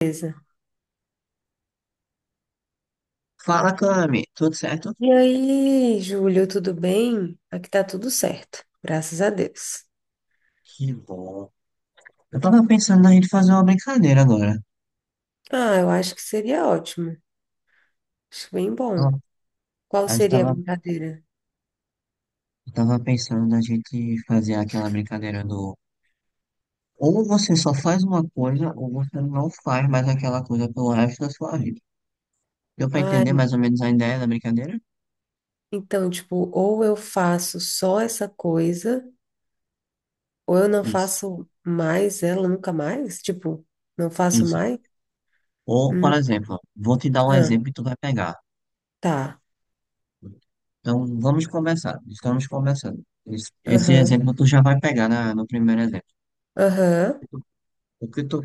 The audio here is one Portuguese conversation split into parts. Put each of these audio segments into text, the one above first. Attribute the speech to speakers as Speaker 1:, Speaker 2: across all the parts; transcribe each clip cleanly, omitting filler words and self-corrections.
Speaker 1: Beleza.
Speaker 2: Fala, Cami, tudo certo?
Speaker 1: E aí, Júlio, tudo bem? Aqui tá tudo certo, graças a Deus.
Speaker 2: Que bom. Eu tava pensando na gente fazer uma brincadeira agora.
Speaker 1: Ah, eu acho que seria ótimo. Acho bem
Speaker 2: Ó,
Speaker 1: bom. Qual
Speaker 2: a gente
Speaker 1: seria a
Speaker 2: tava,
Speaker 1: brincadeira?
Speaker 2: eu tava pensando na gente fazer aquela brincadeira do ou você só faz uma coisa ou você não faz mais aquela coisa pelo resto da sua vida. Deu pra
Speaker 1: Ah,
Speaker 2: entender mais ou menos a ideia da brincadeira?
Speaker 1: então, tipo, ou eu faço só essa coisa, ou eu não
Speaker 2: Isso,
Speaker 1: faço mais ela nunca mais? Tipo, não faço
Speaker 2: isso.
Speaker 1: mais?
Speaker 2: Ou, por
Speaker 1: Hum,
Speaker 2: exemplo, vou te dar um
Speaker 1: ah,
Speaker 2: exemplo e tu vai pegar.
Speaker 1: tá.
Speaker 2: Então, vamos conversar Estamos conversando Esse, esse
Speaker 1: Aham,
Speaker 2: exemplo tu já vai pegar no primeiro exemplo.
Speaker 1: aham,
Speaker 2: O que tu,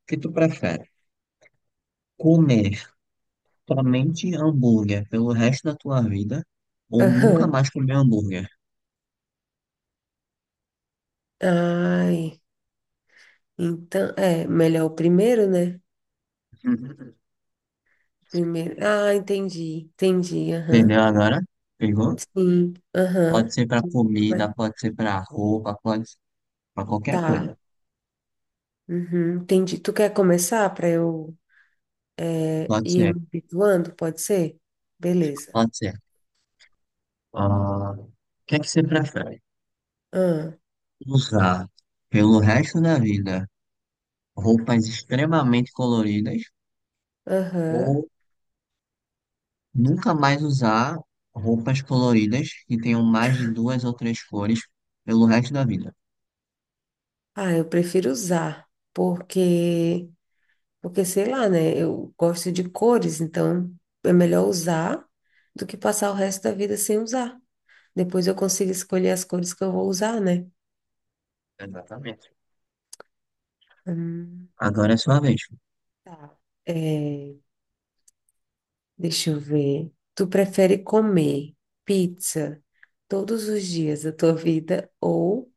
Speaker 2: o que tu prefere? Comer somente hambúrguer pelo resto da tua vida ou nunca
Speaker 1: aham.
Speaker 2: mais comer hambúrguer.
Speaker 1: Ai, então, é, melhor o primeiro, né? Primeiro. Ah, entendi, entendi, aham.
Speaker 2: Entendeu agora? Pegou?
Speaker 1: Sim,
Speaker 2: Pode
Speaker 1: aham.
Speaker 2: ser pra
Speaker 1: Mas
Speaker 2: comida, pode ser pra roupa, pode ser pra qualquer
Speaker 1: tá.
Speaker 2: coisa.
Speaker 1: Uhum, entendi. Tu quer começar para eu
Speaker 2: Pode
Speaker 1: ir
Speaker 2: ser,
Speaker 1: me habituando? Pode ser? Beleza.
Speaker 2: pode ser. Ah, o que é que você prefere?
Speaker 1: Ah,
Speaker 2: Usar pelo resto da vida roupas extremamente coloridas
Speaker 1: aham.
Speaker 2: ou nunca mais usar roupas coloridas que tenham mais de duas ou três cores pelo resto da vida?
Speaker 1: Ah, eu prefiro usar, porque, porque sei lá, né? Eu gosto de cores, então é melhor usar do que passar o resto da vida sem usar. Depois eu consigo escolher as cores que eu vou usar, né?
Speaker 2: Exatamente.
Speaker 1: Hum,
Speaker 2: Agora é sua vez.
Speaker 1: tá. É, deixa eu ver. Tu prefere comer pizza todos os dias da tua vida ou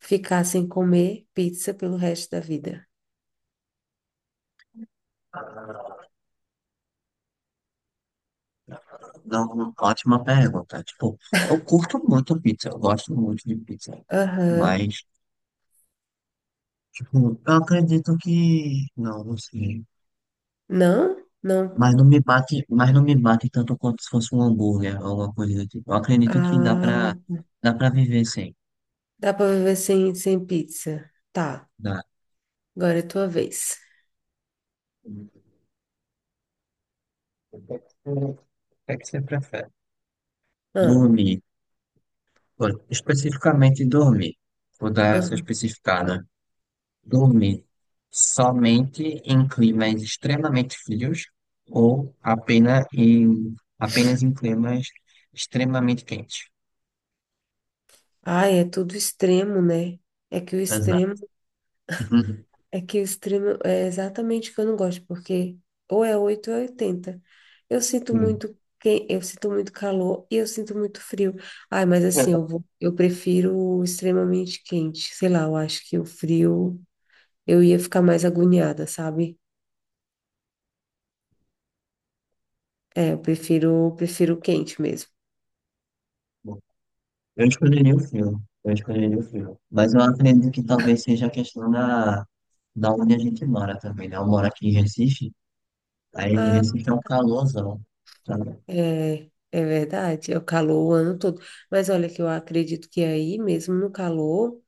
Speaker 1: ficar sem comer pizza pelo resto da vida?
Speaker 2: Não, ótima pergunta. Tipo, eu curto muito pizza, eu gosto muito de pizza.
Speaker 1: Aham.
Speaker 2: Mas, tipo, eu acredito que. Não, não sei.
Speaker 1: Não? Não.
Speaker 2: Mas não me bate tanto quanto se fosse um hambúrguer ou alguma coisa do tipo. Eu acredito que
Speaker 1: Ah,
Speaker 2: dá pra viver sem.
Speaker 1: dá pra viver sem, sem pizza. Tá,
Speaker 2: Dá.
Speaker 1: agora é tua vez.
Speaker 2: O que é que você prefere?
Speaker 1: Ah,
Speaker 2: Dormir. Pô, especificamente dormir. Vou dar essa
Speaker 1: ah.
Speaker 2: especificada. Dormir somente em climas extremamente frios ou apenas em climas extremamente quentes?
Speaker 1: Ai, é tudo extremo, né? É que o
Speaker 2: Exato.
Speaker 1: extremo É que o extremo é exatamente o que eu não gosto, porque ou é 8 ou é 80.
Speaker 2: Sim.
Speaker 1: Eu sinto muito calor e eu sinto muito frio. Ai, mas assim, eu prefiro o extremamente quente. Sei lá, eu acho que o frio eu ia ficar mais agoniada, sabe? É, prefiro o quente mesmo.
Speaker 2: Eu escolheria o frio. Mas eu acredito que talvez seja a questão da onde a gente mora também, né? Eu moro aqui em Recife, aí em
Speaker 1: Ah,
Speaker 2: Recife é um calorzão, sabe?
Speaker 1: é, é verdade, é o calor o ano todo. Mas olha que eu acredito que aí mesmo no calor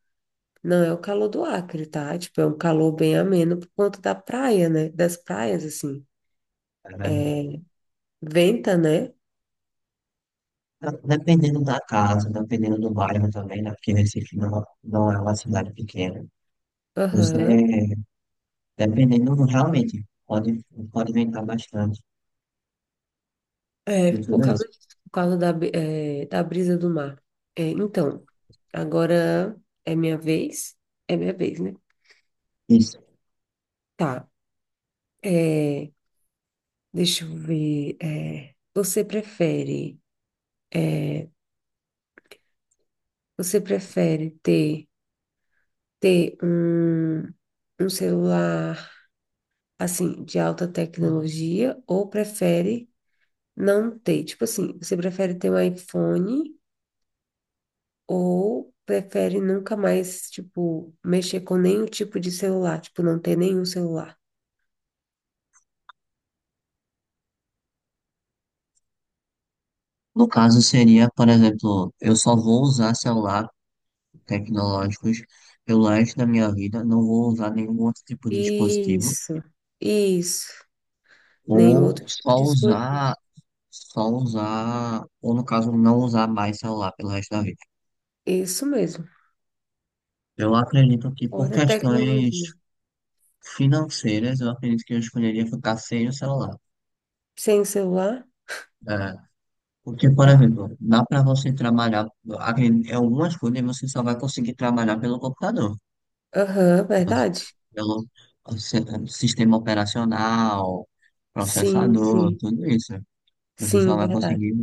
Speaker 1: não é o calor do Acre, tá? Tipo, é um calor bem ameno por conta da praia, né? Das praias, assim.
Speaker 2: É verdade.
Speaker 1: Venta, né?
Speaker 2: Tá, dependendo da casa, dependendo do bairro também, né? Porque Recife não, não é uma cidade pequena. Você,
Speaker 1: Aham.
Speaker 2: dependendo, realmente, pode aumentar bastante
Speaker 1: É,
Speaker 2: em
Speaker 1: por
Speaker 2: tudo
Speaker 1: causa
Speaker 2: isso.
Speaker 1: disso, por causa da brisa do mar. É, então, agora é minha vez. É minha vez, né?
Speaker 2: Isso.
Speaker 1: Tá. É, deixa eu ver. É, é, você prefere ter um celular, assim, de alta tecnologia ou prefere não ter. Tipo assim, você prefere ter um iPhone ou prefere nunca mais, tipo, mexer com nenhum tipo de celular? Tipo, não ter nenhum celular.
Speaker 2: No caso, seria, por exemplo, eu só vou usar celular tecnológicos pelo resto da minha vida, não vou usar nenhum outro tipo de dispositivo,
Speaker 1: Isso, isso. Nenhum outro
Speaker 2: ou
Speaker 1: tipo
Speaker 2: só
Speaker 1: de dispositivo.
Speaker 2: usar, só usar, ou no caso, não usar mais celular pelo resto da vida.
Speaker 1: Isso mesmo.
Speaker 2: Eu acredito que por
Speaker 1: Fora
Speaker 2: questões
Speaker 1: tecnologia.
Speaker 2: financeiras, eu acredito que eu escolheria ficar sem o celular.
Speaker 1: Sem celular?
Speaker 2: É, porque, por
Speaker 1: Tá.
Speaker 2: exemplo, dá para você trabalhar, em algumas coisas você só vai conseguir trabalhar pelo computador,
Speaker 1: Aham, verdade?
Speaker 2: pelo sistema operacional, processador,
Speaker 1: Sim.
Speaker 2: tudo isso. Você só
Speaker 1: Sim,
Speaker 2: vai
Speaker 1: verdade.
Speaker 2: conseguir.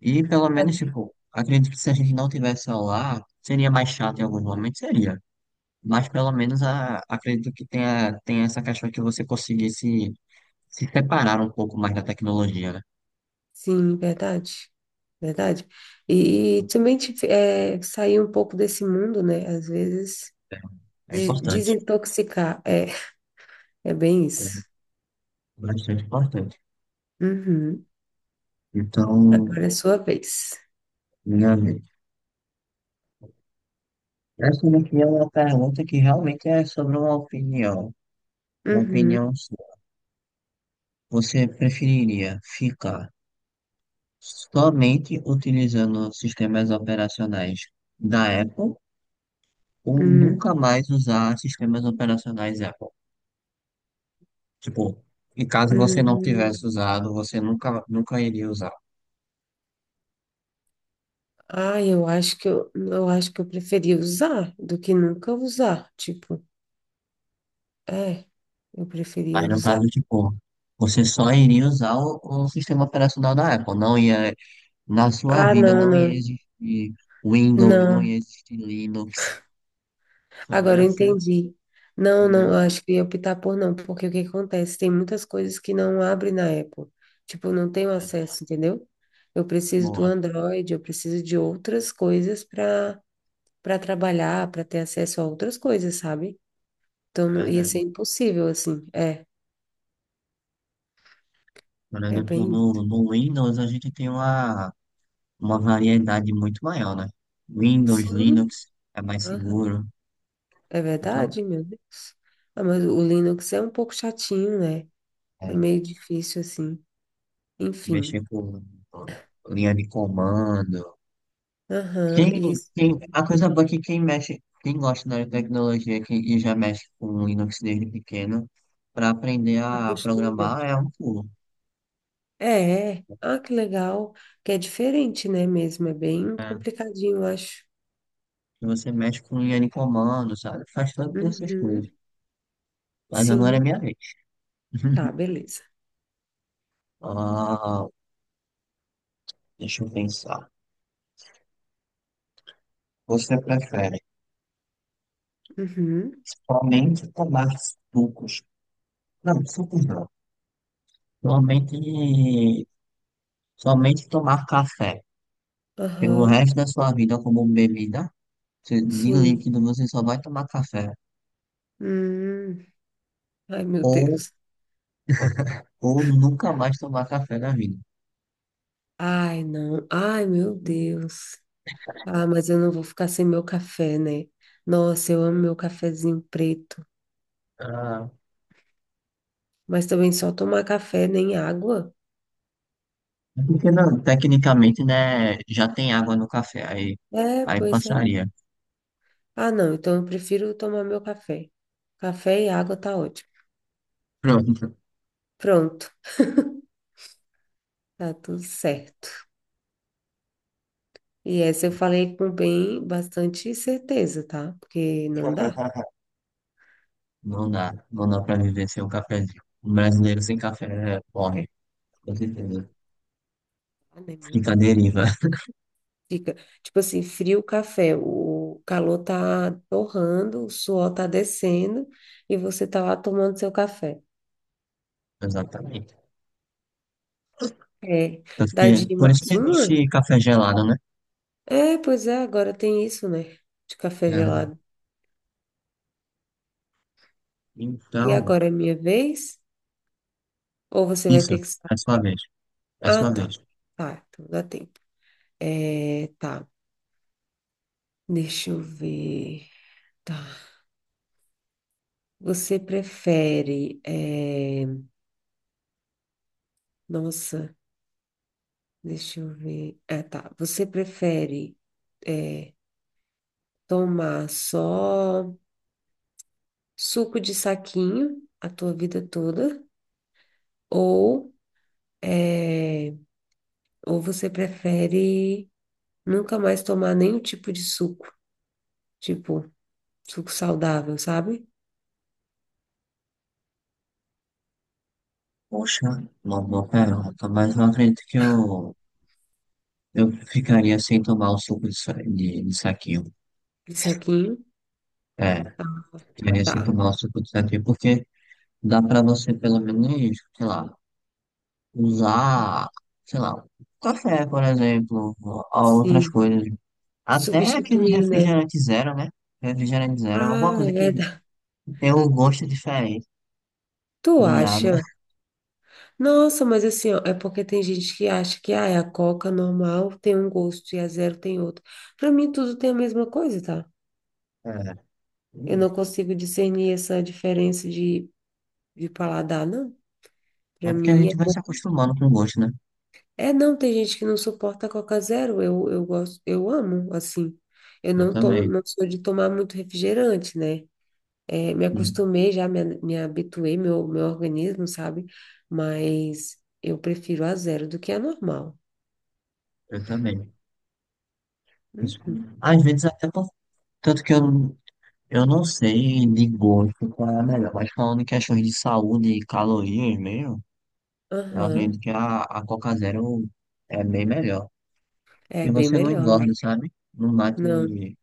Speaker 2: E pelo menos, tipo, acredito que se a gente não tivesse celular, seria mais chato em alguns momentos, seria. Mas pelo menos a, acredito que tenha essa questão que você conseguisse se separar um pouco mais da tecnologia, né?
Speaker 1: Sim, verdade. Verdade. E também sair um pouco desse mundo, né? Às vezes.
Speaker 2: É, é importante.
Speaker 1: Desintoxicar. É, é bem isso.
Speaker 2: É bastante importante.
Speaker 1: Uhum.
Speaker 2: Então,
Speaker 1: Agora é sua vez.
Speaker 2: meu amigo, essa daqui é uma pergunta que realmente é sobre uma opinião. Uma
Speaker 1: Uhum.
Speaker 2: opinião sua. Você preferiria ficar somente utilizando sistemas operacionais da Apple ou
Speaker 1: Uhum.
Speaker 2: nunca mais usar sistemas operacionais Apple? Tipo, e caso você não tivesse
Speaker 1: Uhum.
Speaker 2: usado, você nunca iria usar.
Speaker 1: Ah, eu acho que eu preferia usar do que nunca usar. Tipo, é, eu preferia
Speaker 2: Mas no
Speaker 1: usar.
Speaker 2: caso, tipo, você só iria usar o sistema operacional da Apple, não ia na sua
Speaker 1: Ah,
Speaker 2: vida não ia existir Windows, não
Speaker 1: não.
Speaker 2: ia existir Linux, só
Speaker 1: Agora
Speaker 2: ia
Speaker 1: eu
Speaker 2: ser,
Speaker 1: entendi. Não, eu
Speaker 2: entendeu?
Speaker 1: acho que eu ia optar por não, porque o que acontece? Tem muitas coisas que não abrem na Apple. Tipo, eu não tenho
Speaker 2: É,
Speaker 1: acesso, entendeu? Eu preciso do
Speaker 2: boa,
Speaker 1: Android, eu preciso de outras coisas para trabalhar, para ter acesso a outras coisas, sabe? Então
Speaker 2: é
Speaker 1: não ia ser
Speaker 2: verdade.
Speaker 1: impossível, assim. É,
Speaker 2: Por
Speaker 1: é
Speaker 2: exemplo,
Speaker 1: bem.
Speaker 2: no Windows a gente tem uma variedade muito maior, né? Windows,
Speaker 1: Sim,
Speaker 2: Linux é mais
Speaker 1: aham,
Speaker 2: seguro,
Speaker 1: é
Speaker 2: então,
Speaker 1: verdade, meu Deus. Ah, mas o Linux é um pouco chatinho, né? É
Speaker 2: é,
Speaker 1: meio difícil, assim. Enfim.
Speaker 2: mexer com linha de comando.
Speaker 1: Aham,
Speaker 2: Quem,
Speaker 1: isso.
Speaker 2: a coisa boa é que quem mexe, quem gosta da tecnologia e já mexe com Linux desde pequeno, para aprender a
Speaker 1: Acostuma.
Speaker 2: programar é um pulo.
Speaker 1: É, é. Ah, que legal. Que é diferente, né, mesmo? É bem
Speaker 2: É,
Speaker 1: complicadinho, eu acho.
Speaker 2: que você mexe com Yanni Comando, sabe? Faz todas essas coisas.
Speaker 1: Uhum.
Speaker 2: Mas agora é
Speaker 1: Sim.
Speaker 2: minha vez.
Speaker 1: Tá, beleza.
Speaker 2: Ah, deixa eu pensar. Você prefere
Speaker 1: Uhum.
Speaker 2: somente tomar sucos? Não, sucos não. Somente, somente tomar café pelo
Speaker 1: Aham.
Speaker 2: resto da sua vida como bebida. De
Speaker 1: Sim.
Speaker 2: líquido você só vai tomar café.
Speaker 1: Hum. Ai, meu
Speaker 2: Ou,
Speaker 1: Deus.
Speaker 2: ou nunca mais tomar café na vida.
Speaker 1: Ai, não. Ai, meu Deus. Ah, mas eu não vou ficar sem meu café, né? Nossa, eu amo meu cafezinho preto.
Speaker 2: Ah,
Speaker 1: Mas também só tomar café, nem água.
Speaker 2: é porque não, tecnicamente, né? Já tem água no café,
Speaker 1: É,
Speaker 2: aí
Speaker 1: pois é.
Speaker 2: passaria.
Speaker 1: Ah, não. Então eu prefiro tomar meu café. Café e água tá ótimo.
Speaker 2: Pronto.
Speaker 1: Pronto, tá tudo certo. E essa eu falei com bem bastante certeza, tá? Porque não dá.
Speaker 2: Não dá pra viver sem um cafezinho. Um brasileiro sem café morre, com certeza.
Speaker 1: Ah, né, meu
Speaker 2: Fica à
Speaker 1: Deus.
Speaker 2: deriva,
Speaker 1: Fica, tipo assim, frio o café, o calor tá torrando, o suor tá descendo e você tá lá tomando seu café.
Speaker 2: exatamente.
Speaker 1: É,
Speaker 2: Tanto que,
Speaker 1: dá de
Speaker 2: por isso
Speaker 1: mais
Speaker 2: que
Speaker 1: uma?
Speaker 2: existe café gelado, né?
Speaker 1: É, pois é, agora tem isso, né? De café
Speaker 2: É.
Speaker 1: gelado. E
Speaker 2: Então,
Speaker 1: agora é minha vez? Ou você vai
Speaker 2: isso,
Speaker 1: ter que sair?
Speaker 2: é sua vez, é
Speaker 1: Ah,
Speaker 2: sua
Speaker 1: tá.
Speaker 2: vez.
Speaker 1: Tá, então dá tempo. É, tá. Deixa eu ver. Tá. Você prefere. é, Nossa, deixa eu ver. Ah, tá. É, Tomar só suco de saquinho a tua vida toda, ou é, ou você prefere nunca mais tomar nenhum tipo de suco, tipo suco saudável, sabe?
Speaker 2: Poxa, uma boa pergunta, mas eu acredito que eu ficaria sem tomar o suco de saquinho.
Speaker 1: De saquinho,
Speaker 2: É, ficaria sem
Speaker 1: tá?
Speaker 2: tomar o suco de saquinho, porque dá pra você pelo menos, sei lá, usar, sei lá, café, por exemplo, ou outras
Speaker 1: Sim,
Speaker 2: coisas. Até aquele
Speaker 1: substituir, né?
Speaker 2: refrigerante zero, né? Refrigerante zero é alguma
Speaker 1: Ah, é
Speaker 2: coisa que
Speaker 1: verdade.
Speaker 2: tem um gosto diferente
Speaker 1: Tu
Speaker 2: de água.
Speaker 1: acha? Nossa, mas assim, ó, é porque tem gente que acha que ah, é a Coca normal tem um gosto e a zero tem outro. Pra mim, tudo tem a mesma coisa, tá?
Speaker 2: É,
Speaker 1: Eu não
Speaker 2: isso.
Speaker 1: consigo discernir essa diferença de paladar, não.
Speaker 2: É
Speaker 1: Para
Speaker 2: porque a
Speaker 1: mim é
Speaker 2: gente vai
Speaker 1: bom.
Speaker 2: se acostumando com o gosto, né?
Speaker 1: É, não, tem gente que não suporta Coca Zero. Eu gosto, eu amo, assim. Eu
Speaker 2: Eu
Speaker 1: não tomo,
Speaker 2: também.
Speaker 1: não sou de tomar muito refrigerante, né? É, me
Speaker 2: Sim,
Speaker 1: acostumei já, me habituei, meu organismo, sabe? Mas eu prefiro a zero do que a normal.
Speaker 2: eu também. Isso.
Speaker 1: Uhum.
Speaker 2: Às vezes até por... Tanto que eu não sei de gosto qual é a melhor, mas falando em questões de saúde e calorias mesmo, eu
Speaker 1: Aham.
Speaker 2: acredito que a Coca Zero é bem melhor.
Speaker 1: É
Speaker 2: Que
Speaker 1: bem
Speaker 2: você não
Speaker 1: melhor,
Speaker 2: engorda,
Speaker 1: né?
Speaker 2: sabe?
Speaker 1: Não.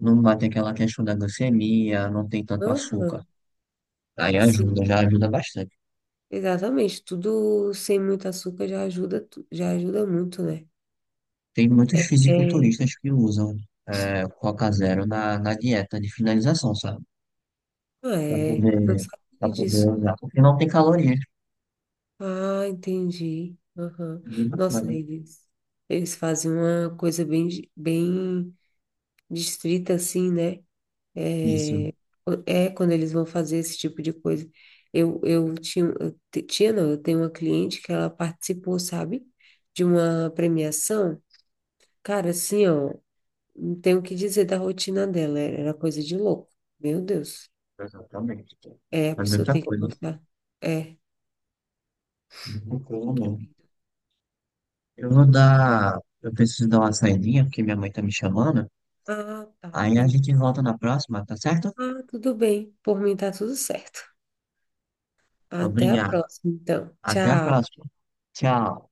Speaker 2: Não bate aquela questão da glicemia, não tem tanto açúcar.
Speaker 1: Aham.
Speaker 2: Aí
Speaker 1: Sim.
Speaker 2: ajuda, já ajuda bastante.
Speaker 1: Exatamente. Tudo sem muito açúcar já ajuda, já ajuda muito, né?
Speaker 2: Tem muitos
Speaker 1: É.
Speaker 2: fisiculturistas que usam é, Coca Zero na dieta de finalização, sabe?
Speaker 1: Ah,
Speaker 2: Pra
Speaker 1: é. Não
Speaker 2: poder, pra
Speaker 1: sabia
Speaker 2: poder
Speaker 1: disso.
Speaker 2: usar, porque não tem calorias.
Speaker 1: Ah, entendi. Aham.
Speaker 2: Bem
Speaker 1: Nossa,
Speaker 2: bacana.
Speaker 1: eles fazem uma coisa bem distrita, assim, né?
Speaker 2: Isso,
Speaker 1: É quando eles vão fazer esse tipo de coisa. Eu tinha, eu te- tinha, não, eu tenho uma cliente que ela participou, sabe? De uma premiação. Cara, assim, ó, não tenho o que dizer da rotina dela. Era coisa de louco. Meu Deus.
Speaker 2: exatamente.
Speaker 1: É, a
Speaker 2: É
Speaker 1: pessoa
Speaker 2: muita
Speaker 1: tem que
Speaker 2: coisa.
Speaker 1: gostar. É,
Speaker 2: Muita coisa
Speaker 1: é
Speaker 2: mesmo.
Speaker 1: bem.
Speaker 2: Eu vou dar. Eu preciso dar uma saidinha, porque minha mãe tá me chamando.
Speaker 1: Ah, tá,
Speaker 2: Aí a
Speaker 1: entendi.
Speaker 2: gente volta na próxima, tá certo?
Speaker 1: Ah, tudo bem. Por mim tá tudo certo. Até a
Speaker 2: Obrigado.
Speaker 1: próxima, então.
Speaker 2: Até a
Speaker 1: Tchau.
Speaker 2: próxima. Tchau.